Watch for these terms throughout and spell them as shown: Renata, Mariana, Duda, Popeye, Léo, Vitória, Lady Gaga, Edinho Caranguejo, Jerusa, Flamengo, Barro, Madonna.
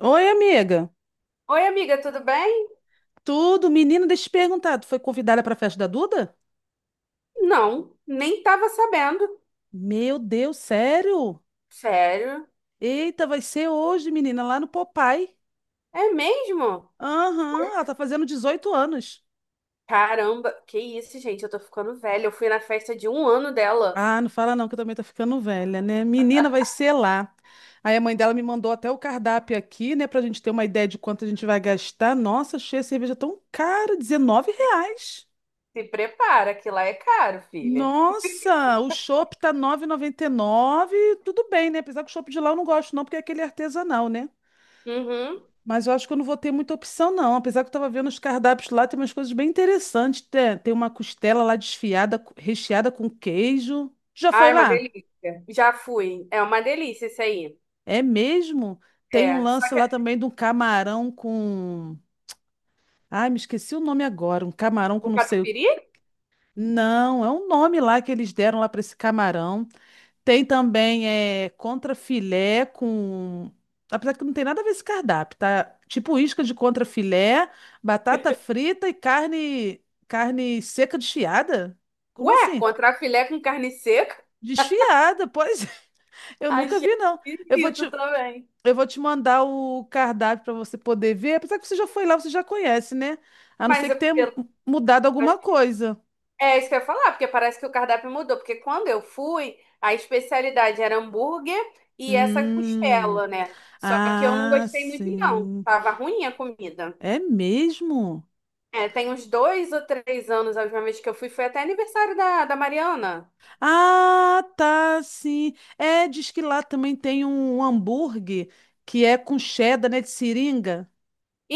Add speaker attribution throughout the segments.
Speaker 1: Oi, amiga.
Speaker 2: Oi, amiga, tudo bem?
Speaker 1: Tudo? Menina, deixa eu te perguntar. Tu foi convidada para a festa da Duda?
Speaker 2: Não, nem tava sabendo.
Speaker 1: Meu Deus, sério?
Speaker 2: Sério?
Speaker 1: Eita, vai ser hoje, menina, lá no Popeye.
Speaker 2: É mesmo?
Speaker 1: Aham, ela tá fazendo 18 anos.
Speaker 2: Caramba, que isso, gente, eu tô ficando velha. Eu fui na festa de um ano dela.
Speaker 1: Ah, não fala não, que eu também tô ficando velha, né? Menina, vai ser lá. Aí a mãe dela me mandou até o cardápio aqui, né, pra gente ter uma ideia de quanto a gente vai gastar. Nossa, achei a cerveja tão cara, 19 reais.
Speaker 2: Se prepara, que lá é caro, filha.
Speaker 1: Nossa, o chopp tá 9,99, tudo bem, né? Apesar que o chopp de lá eu não gosto não, porque é aquele artesanal, né?
Speaker 2: Uhum.
Speaker 1: Mas eu acho que eu não vou ter muita opção não, apesar que eu tava vendo os cardápios lá, tem umas coisas bem interessantes. Tem uma costela lá desfiada, recheada com queijo. Já foi
Speaker 2: Ai, uma
Speaker 1: lá?
Speaker 2: delícia. Já fui. É uma delícia isso aí.
Speaker 1: É mesmo? Tem um
Speaker 2: É, só
Speaker 1: lance lá
Speaker 2: que...
Speaker 1: também de um camarão com... Ai, me esqueci o nome agora, um camarão com
Speaker 2: O
Speaker 1: não sei o...
Speaker 2: catupiry?
Speaker 1: Não, é um nome lá que eles deram lá para esse camarão. Tem também é, contrafilé com. Apesar que não tem nada a ver esse cardápio, tá? Tipo isca de contrafilé, batata frita e carne seca desfiada? Como
Speaker 2: Ué,
Speaker 1: assim?
Speaker 2: contrafilé com carne seca?
Speaker 1: Desfiada, pois é. eu nunca
Speaker 2: Achei
Speaker 1: vi, não. Eu vou
Speaker 2: esquisito
Speaker 1: te,
Speaker 2: também.
Speaker 1: eu vou te mandar o cardápio para você poder ver. Apesar que você já foi lá, você já conhece, né? A não ser
Speaker 2: Mas é
Speaker 1: que tenha
Speaker 2: pelo...
Speaker 1: mudado alguma coisa.
Speaker 2: É isso que eu ia falar, porque parece que o cardápio mudou. Porque quando eu fui, a especialidade era hambúrguer e essa
Speaker 1: Hum.
Speaker 2: costela, né? Só que eu não
Speaker 1: Ah,
Speaker 2: gostei muito, não.
Speaker 1: sim.
Speaker 2: Tava ruim a comida.
Speaker 1: É mesmo?
Speaker 2: É, tem uns 2 ou 3 anos, a última vez que eu fui, foi até aniversário da Mariana.
Speaker 1: Ah, tá, sim. É, diz que lá também tem um hambúrguer que é com cheddar, né, de seringa.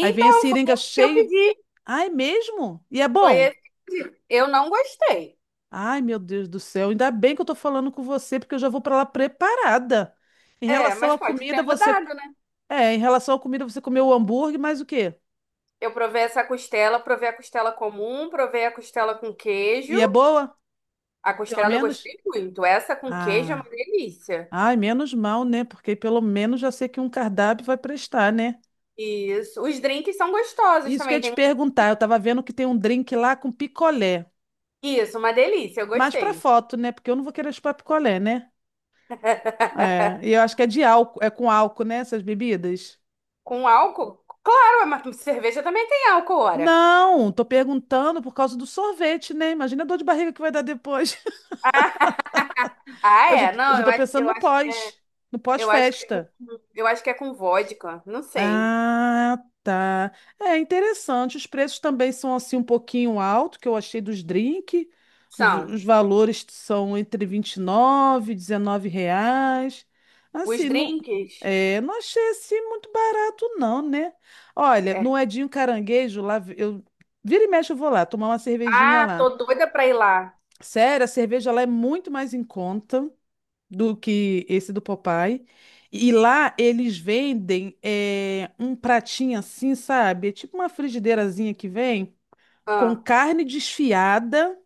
Speaker 1: Aí vem a
Speaker 2: foi
Speaker 1: seringa
Speaker 2: esse que eu
Speaker 1: cheio.
Speaker 2: pedi.
Speaker 1: Ai, mesmo? E é
Speaker 2: Foi
Speaker 1: bom?
Speaker 2: esse que eu pedi. Eu não gostei.
Speaker 1: Ai, meu Deus do céu. Ainda bem que eu tô falando com você, porque eu já vou para lá preparada. Em
Speaker 2: É,
Speaker 1: relação
Speaker 2: mas
Speaker 1: à
Speaker 2: pode ter
Speaker 1: comida, você...
Speaker 2: mudado, né?
Speaker 1: É, em relação à comida, você comeu o hambúrguer, mas o quê?
Speaker 2: Eu provei essa costela, provei a costela comum, provei a costela com queijo.
Speaker 1: E é boa?
Speaker 2: A
Speaker 1: Pelo
Speaker 2: costela eu
Speaker 1: menos?
Speaker 2: gostei muito. Essa com queijo é uma
Speaker 1: Ah,
Speaker 2: delícia.
Speaker 1: ai, menos mal, né? Porque pelo menos já sei que um cardápio vai prestar, né?
Speaker 2: Isso. Os drinks são gostosos
Speaker 1: Isso que eu ia
Speaker 2: também.
Speaker 1: te
Speaker 2: Tem... um.
Speaker 1: perguntar. Eu tava vendo que tem um drink lá com picolé.
Speaker 2: Isso, uma delícia. Eu
Speaker 1: Mas pra
Speaker 2: gostei.
Speaker 1: foto, né? Porque eu não vou querer chupar picolé, né? É. E eu acho que é de álcool, é com álcool, né? Essas bebidas.
Speaker 2: Com álcool? Claro, mas cerveja também tem álcool, ora.
Speaker 1: Não, tô perguntando por causa do sorvete, né? Imagina a dor de barriga que vai dar depois.
Speaker 2: Ah,
Speaker 1: Eu já,
Speaker 2: é?
Speaker 1: tô- eu
Speaker 2: Não,
Speaker 1: já
Speaker 2: eu
Speaker 1: tô
Speaker 2: acho,
Speaker 1: pensando
Speaker 2: eu acho,
Speaker 1: no
Speaker 2: eu acho que é com,
Speaker 1: pós-festa.
Speaker 2: eu acho que é com vodka. Não sei.
Speaker 1: Ah, tá. É interessante. Os preços também são assim um pouquinho alto, que eu achei dos drink.
Speaker 2: São
Speaker 1: Os valores são entre 29, e 19 reais.
Speaker 2: os
Speaker 1: Assim, não,
Speaker 2: drinks?
Speaker 1: é, não achei assim muito barato não, né? Olha,
Speaker 2: É.
Speaker 1: no Edinho Caranguejo, eu vira e mexe eu vou lá tomar uma cervejinha
Speaker 2: Ah,
Speaker 1: lá.
Speaker 2: tô doida pra ir lá.
Speaker 1: Sério, a cerveja lá é muito mais em conta do que esse do Popeye. E lá eles vendem um pratinho assim, sabe? É tipo uma frigideirazinha que vem com
Speaker 2: Ah.
Speaker 1: carne desfiada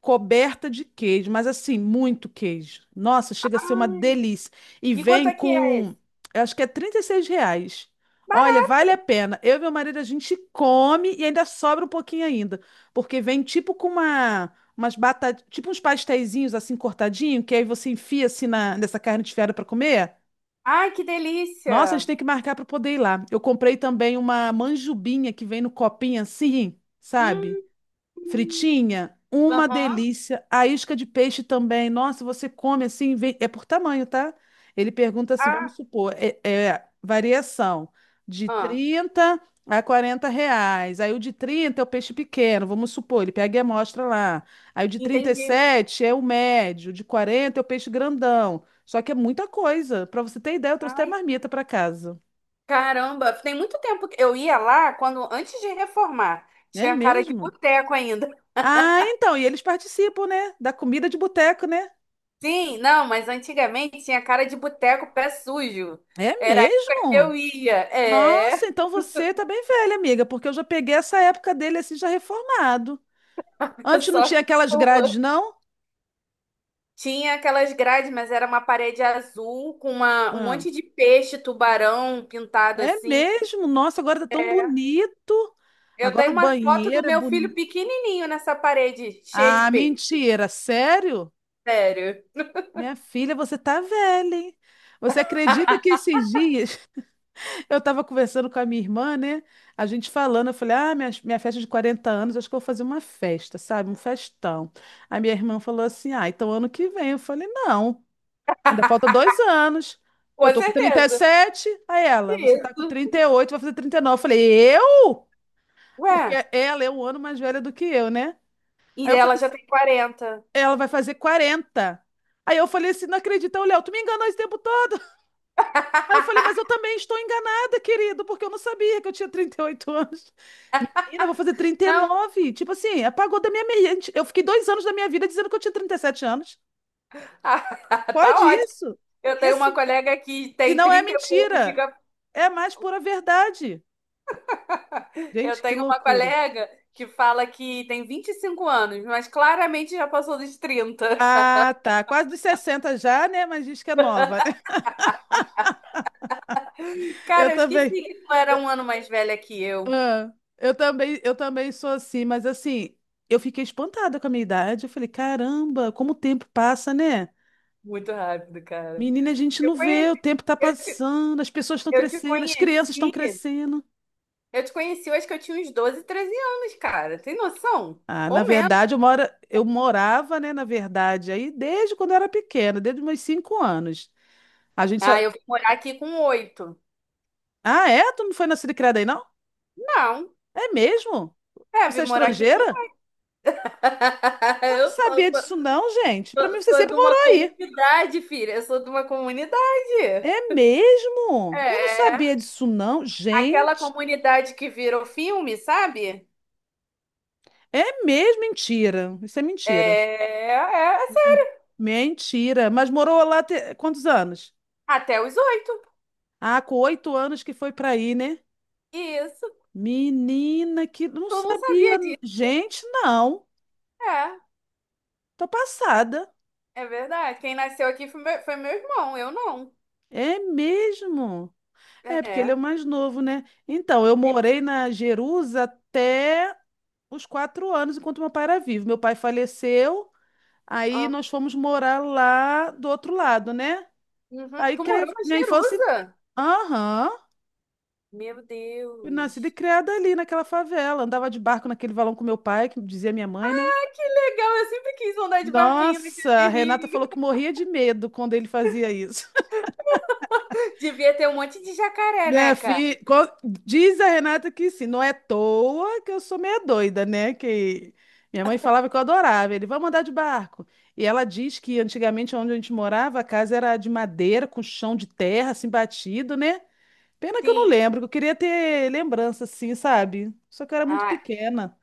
Speaker 1: coberta de queijo, mas assim, muito queijo. Nossa, chega a ser uma delícia. E
Speaker 2: E quanto
Speaker 1: vem
Speaker 2: é que é
Speaker 1: com,
Speaker 2: esse?
Speaker 1: eu acho que é 36 reais. Olha, vale a pena. Eu e meu marido, a gente come e ainda sobra um pouquinho ainda, porque vem tipo com umas batatas, tipo uns pasteizinhos assim cortadinho, que aí você enfia assim nessa carne desfiada para comer.
Speaker 2: Ai, que
Speaker 1: Nossa, a gente
Speaker 2: delícia!
Speaker 1: tem que marcar para poder ir lá. Eu comprei também uma manjubinha que vem no copinho assim, sabe?
Speaker 2: Hum,
Speaker 1: Fritinha, uma
Speaker 2: aham.
Speaker 1: delícia. A isca de peixe também. Nossa, você come assim, é por tamanho, tá? Ele pergunta assim,
Speaker 2: Ah,
Speaker 1: vamos supor, é variação de
Speaker 2: ah,
Speaker 1: 30 a 40 reais. Aí o de 30 é o peixe pequeno, vamos supor, ele pega e mostra lá. Aí o de trinta e
Speaker 2: entendi.
Speaker 1: sete é o médio, o de 40 é o peixe grandão. Só que é muita coisa. Para você ter ideia, eu trouxe até
Speaker 2: Ah.
Speaker 1: marmita para casa.
Speaker 2: Caramba, tem muito tempo que eu ia lá quando antes de reformar.
Speaker 1: É
Speaker 2: Tinha cara de
Speaker 1: mesmo?
Speaker 2: boteco ainda.
Speaker 1: Ah, então, e eles participam, né? Da comida de boteco, né?
Speaker 2: Sim, não, mas antigamente tinha cara de boteco pé sujo.
Speaker 1: É
Speaker 2: Era a época que
Speaker 1: mesmo?
Speaker 2: eu ia.
Speaker 1: Nossa,
Speaker 2: É,
Speaker 1: então você tá bem velha, amiga, porque eu já peguei essa época dele assim, já reformado. Antes não
Speaker 2: só
Speaker 1: tinha
Speaker 2: que
Speaker 1: aquelas grades,
Speaker 2: boa.
Speaker 1: não?
Speaker 2: Tinha aquelas grades, mas era uma parede azul com uma, um
Speaker 1: Ah,
Speaker 2: monte de peixe, tubarão pintado
Speaker 1: é
Speaker 2: assim.
Speaker 1: mesmo? Nossa, agora tá tão bonito.
Speaker 2: Eu
Speaker 1: Agora
Speaker 2: tenho
Speaker 1: o
Speaker 2: uma foto do
Speaker 1: banheiro é
Speaker 2: meu filho
Speaker 1: bonito.
Speaker 2: pequenininho nessa parede, cheia de
Speaker 1: Ah,
Speaker 2: peixe.
Speaker 1: mentira, sério?
Speaker 2: Sério.
Speaker 1: Minha filha, você tá velha, hein? Você acredita que esses dias eu tava conversando com a minha irmã, né? A gente falando, eu falei, ah, minha festa de 40 anos, acho que eu vou fazer uma festa, sabe? Um festão. A minha irmã falou assim, ah, então ano que vem. Eu falei, não. Ainda falta 2 anos. Eu
Speaker 2: Com
Speaker 1: tô com trinta e
Speaker 2: certeza.
Speaker 1: sete Aí ela, você tá com
Speaker 2: Isso.
Speaker 1: 38, vai fazer 39. Eu falei, eu? Porque
Speaker 2: Ué,
Speaker 1: ela é um ano mais velha do que eu, né? Aí
Speaker 2: e
Speaker 1: eu
Speaker 2: ela
Speaker 1: falei,
Speaker 2: já
Speaker 1: assim,
Speaker 2: tem 40.
Speaker 1: ela vai fazer 40. Aí eu falei assim, não acredita, ô, Léo, tu me enganou esse tempo todo. Aí eu falei, mas eu também estou enganada, querido, porque eu não sabia que eu tinha 38 anos. Menina, eu vou fazer trinta e
Speaker 2: Não,
Speaker 1: nove Tipo assim, apagou da minha mente. Eu fiquei 2 anos da minha vida dizendo que eu tinha 37 anos.
Speaker 2: tá
Speaker 1: Pode
Speaker 2: ótimo.
Speaker 1: isso?
Speaker 2: Eu
Speaker 1: E
Speaker 2: tenho uma
Speaker 1: assim,
Speaker 2: colega que
Speaker 1: e
Speaker 2: tem
Speaker 1: não é
Speaker 2: 30 e pouco,
Speaker 1: mentira.
Speaker 2: fica.
Speaker 1: É a mais pura verdade.
Speaker 2: Eu
Speaker 1: Gente, que
Speaker 2: tenho uma
Speaker 1: loucura.
Speaker 2: colega que fala que tem 25 anos, mas claramente já passou dos 30.
Speaker 1: Ah, tá. Quase dos 60 já, né? Mas diz que é nova. Eu
Speaker 2: Cara, eu esqueci
Speaker 1: também.
Speaker 2: que tu era um ano mais velha que eu.
Speaker 1: Ah, eu também sou assim, mas assim, eu fiquei espantada com a minha idade. Eu falei, caramba, como o tempo passa, né?
Speaker 2: Muito rápido, cara.
Speaker 1: Menina, a gente
Speaker 2: Eu
Speaker 1: não vê,
Speaker 2: conheci,
Speaker 1: o tempo tá
Speaker 2: eu te,
Speaker 1: passando, as pessoas estão
Speaker 2: eu te
Speaker 1: crescendo, as crianças estão
Speaker 2: conheci,
Speaker 1: crescendo.
Speaker 2: eu te conheci, eu acho que eu tinha uns 12, 13 anos, cara. Tem noção?
Speaker 1: Ah, na
Speaker 2: Ou menos.
Speaker 1: verdade, eu morava, né, na verdade, aí desde quando eu era pequena, desde meus 5 anos. A gente só.
Speaker 2: Ah, eu vim morar aqui com 8.
Speaker 1: Ah, é? Tu não foi nascida e criada aí, não?
Speaker 2: Não.
Speaker 1: É mesmo?
Speaker 2: É, vim
Speaker 1: Você é
Speaker 2: morar aqui com.
Speaker 1: estrangeira? Eu não
Speaker 2: Eu
Speaker 1: sabia
Speaker 2: sou. Sou
Speaker 1: disso não, gente. Para mim você
Speaker 2: sou
Speaker 1: sempre
Speaker 2: de uma
Speaker 1: morou aí.
Speaker 2: comunidade, filha. Eu sou de uma comunidade.
Speaker 1: É mesmo? Eu não sabia
Speaker 2: É.
Speaker 1: disso não,
Speaker 2: Aquela
Speaker 1: gente.
Speaker 2: comunidade que virou filme, sabe?
Speaker 1: É mesmo mentira. Isso é mentira.
Speaker 2: É, assim,
Speaker 1: Mentira. Mas morou lá quantos anos?
Speaker 2: até os 8.
Speaker 1: Ah, com 8 anos que foi para aí, né?
Speaker 2: Isso.
Speaker 1: Menina, que não
Speaker 2: Eu não
Speaker 1: sabia.
Speaker 2: sabia disso.
Speaker 1: Gente, não.
Speaker 2: É,
Speaker 1: Tô passada.
Speaker 2: é verdade. Quem nasceu aqui foi meu irmão, eu não.
Speaker 1: É mesmo? É, porque ele é o
Speaker 2: É.
Speaker 1: mais novo, né? Então, eu
Speaker 2: Tem-
Speaker 1: morei na Jerusa até os 4 anos enquanto meu pai era vivo. Meu pai faleceu, aí
Speaker 2: Ah,
Speaker 1: nós fomos morar lá do outro lado, né?
Speaker 2: uhum.
Speaker 1: Aí
Speaker 2: Tu morou
Speaker 1: cre-
Speaker 2: na
Speaker 1: minha infância,
Speaker 2: Jerusa?
Speaker 1: aham,
Speaker 2: Meu
Speaker 1: fui nascida e
Speaker 2: Deus.
Speaker 1: criada ali naquela favela. Andava de barco naquele valão com meu pai, que dizia minha mãe, né?
Speaker 2: Que legal, eu sempre quis andar de barquinho
Speaker 1: Nossa, a
Speaker 2: naquele
Speaker 1: Renata
Speaker 2: rio.
Speaker 1: falou que morria de medo quando ele fazia isso.
Speaker 2: Devia ter um monte de jacaré, né,
Speaker 1: Minha
Speaker 2: cara?
Speaker 1: filha, diz a Renata que sim, não é à toa que eu sou meia doida, né? Que minha mãe falava que eu adorava. Ele, vamos andar de barco. E ela diz que antigamente onde a gente morava, a casa era de madeira, com chão de terra, assim, batido, né? Pena que eu não
Speaker 2: Sim.
Speaker 1: lembro, que eu queria ter lembrança, assim, sabe? Só que eu era muito
Speaker 2: Ah,
Speaker 1: pequena.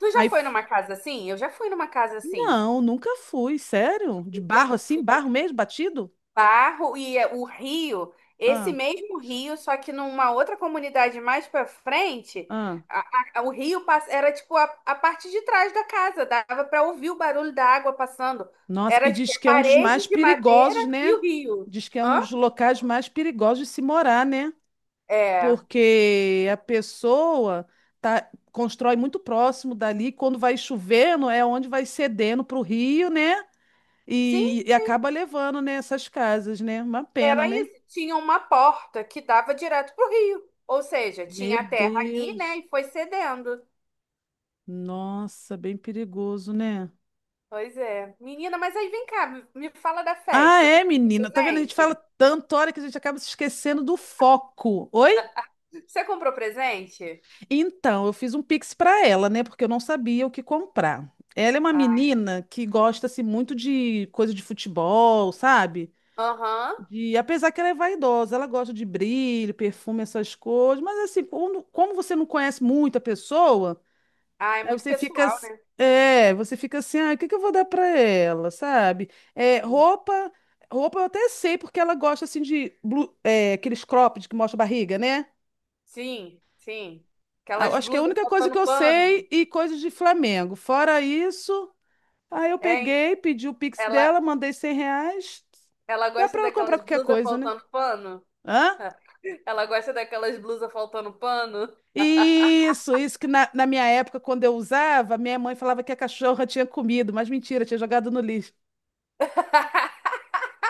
Speaker 2: tu já
Speaker 1: Aí,
Speaker 2: foi
Speaker 1: f-
Speaker 2: numa casa assim? Eu já fui numa casa assim.
Speaker 1: não, nunca fui, sério? De barro
Speaker 2: Fui, fui
Speaker 1: assim,
Speaker 2: em
Speaker 1: barro mesmo, batido?
Speaker 2: Barro e é, o Rio, esse
Speaker 1: Ah,
Speaker 2: mesmo Rio, só que numa outra comunidade mais pra frente,
Speaker 1: ah.
Speaker 2: a- o Rio pass- era tipo a parte de trás da casa, dava pra ouvir o barulho da água passando.
Speaker 1: Nossa, e
Speaker 2: Era tipo
Speaker 1: diz
Speaker 2: a
Speaker 1: que é um dos mais
Speaker 2: parede de madeira
Speaker 1: perigosos,
Speaker 2: e
Speaker 1: né?
Speaker 2: o rio.
Speaker 1: Diz que é um
Speaker 2: Hã?
Speaker 1: dos locais mais perigosos de se morar, né?
Speaker 2: É,
Speaker 1: Porque a pessoa tá, constrói muito próximo dali, quando vai chovendo, é onde vai cedendo para o rio, né?
Speaker 2: sim,
Speaker 1: E acaba levando, né, essas casas, né? Uma pena,
Speaker 2: era
Speaker 1: né?
Speaker 2: isso. Tinha uma porta que dava direto pro rio. Ou seja,
Speaker 1: Meu
Speaker 2: tinha a terra ali, né,
Speaker 1: Deus.
Speaker 2: e foi cedendo.
Speaker 1: Nossa, bem perigoso, né?
Speaker 2: Pois é. Menina, mas aí vem cá, me fala da
Speaker 1: Ah,
Speaker 2: festa. Tu
Speaker 1: é,
Speaker 2: comprou
Speaker 1: menina. Tá vendo? A gente fala
Speaker 2: presente?
Speaker 1: tanto, hora que a gente acaba se esquecendo do foco. Oi?
Speaker 2: Você comprou presente?
Speaker 1: Então, eu fiz um Pix para ela, né? Porque eu não sabia o que comprar. Ela é uma
Speaker 2: Ai.
Speaker 1: menina que gosta assim, muito de coisa de futebol, sabe?
Speaker 2: Aham.
Speaker 1: Apesar que ela é vaidosa, ela gosta de brilho, perfume, essas coisas. Mas assim, como você não conhece muito a pessoa,
Speaker 2: Ah, é
Speaker 1: aí
Speaker 2: muito
Speaker 1: você fica,
Speaker 2: pessoal,
Speaker 1: ass-
Speaker 2: né?
Speaker 1: é, você fica assim, ah, o que que eu vou dar para ela, sabe? É, roupa eu até sei porque ela gosta assim de aqueles cropped que mostra a barriga, né?
Speaker 2: Sim, sim.
Speaker 1: Ah,
Speaker 2: Aquelas
Speaker 1: acho que é a
Speaker 2: blusas
Speaker 1: única coisa
Speaker 2: faltando
Speaker 1: que eu sei
Speaker 2: pano.
Speaker 1: e coisas de Flamengo. Fora isso, aí eu
Speaker 2: Hein?
Speaker 1: peguei, pedi o Pix
Speaker 2: Ela,
Speaker 1: dela, mandei 100 reais.
Speaker 2: ela
Speaker 1: Dá
Speaker 2: gosta
Speaker 1: para ela comprar
Speaker 2: daquelas
Speaker 1: qualquer
Speaker 2: blusas
Speaker 1: coisa, né?
Speaker 2: faltando pano?
Speaker 1: Hã?
Speaker 2: Ela gosta daquelas blusas faltando pano?
Speaker 1: Isso que na minha época, quando eu usava, minha mãe falava que a cachorra tinha comido, mas mentira, tinha jogado no lixo.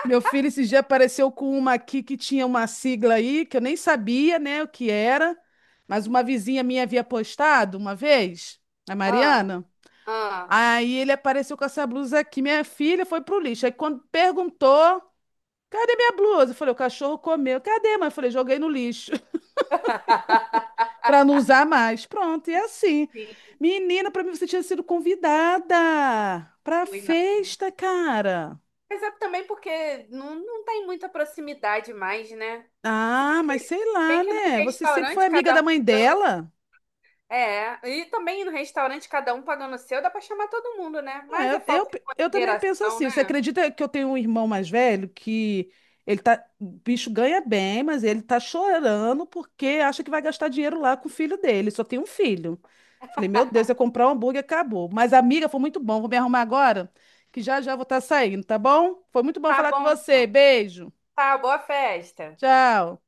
Speaker 1: Meu filho esse dia apareceu com uma aqui que tinha uma sigla aí, que eu nem sabia, né, o que era, mas uma vizinha minha havia postado uma vez, a
Speaker 2: Ah,
Speaker 1: Mariana.
Speaker 2: ah.
Speaker 1: Aí ele apareceu com essa blusa aqui. Minha filha foi pro lixo. Aí quando perguntou, cadê minha blusa? Eu falei, o cachorro comeu. Cadê, mãe? Eu falei, joguei no lixo pra não usar mais. Pronto, e é assim.
Speaker 2: Sim,
Speaker 1: Menina, pra mim você tinha sido convidada pra
Speaker 2: fui, não.
Speaker 1: festa, cara.
Speaker 2: Mas é também porque não tem muita proximidade mais, né?
Speaker 1: Ah, mas sei
Speaker 2: Bem
Speaker 1: lá,
Speaker 2: que no
Speaker 1: né? Você sempre foi
Speaker 2: restaurante
Speaker 1: amiga
Speaker 2: cada um
Speaker 1: da mãe
Speaker 2: pagando.
Speaker 1: dela?
Speaker 2: É, e também no restaurante cada um pagando o seu, dá pra chamar todo mundo, né?
Speaker 1: É,
Speaker 2: Mas é
Speaker 1: eu,
Speaker 2: falta
Speaker 1: eu,
Speaker 2: de
Speaker 1: eu também penso
Speaker 2: consideração,
Speaker 1: assim. Você
Speaker 2: né?
Speaker 1: acredita que eu tenho um irmão mais velho que ele tá, o bicho ganha bem, mas ele tá chorando porque acha que vai gastar dinheiro lá com o filho dele. Só tem um filho. Falei, meu Deus, eu comprar um hambúrguer, acabou. Mas, amiga, foi muito bom. Vou me arrumar agora, que já já vou estar saindo, tá bom? Foi muito bom
Speaker 2: Tá
Speaker 1: falar com
Speaker 2: bom,
Speaker 1: você.
Speaker 2: então.
Speaker 1: Beijo.
Speaker 2: Tá, boa festa.
Speaker 1: Tchau.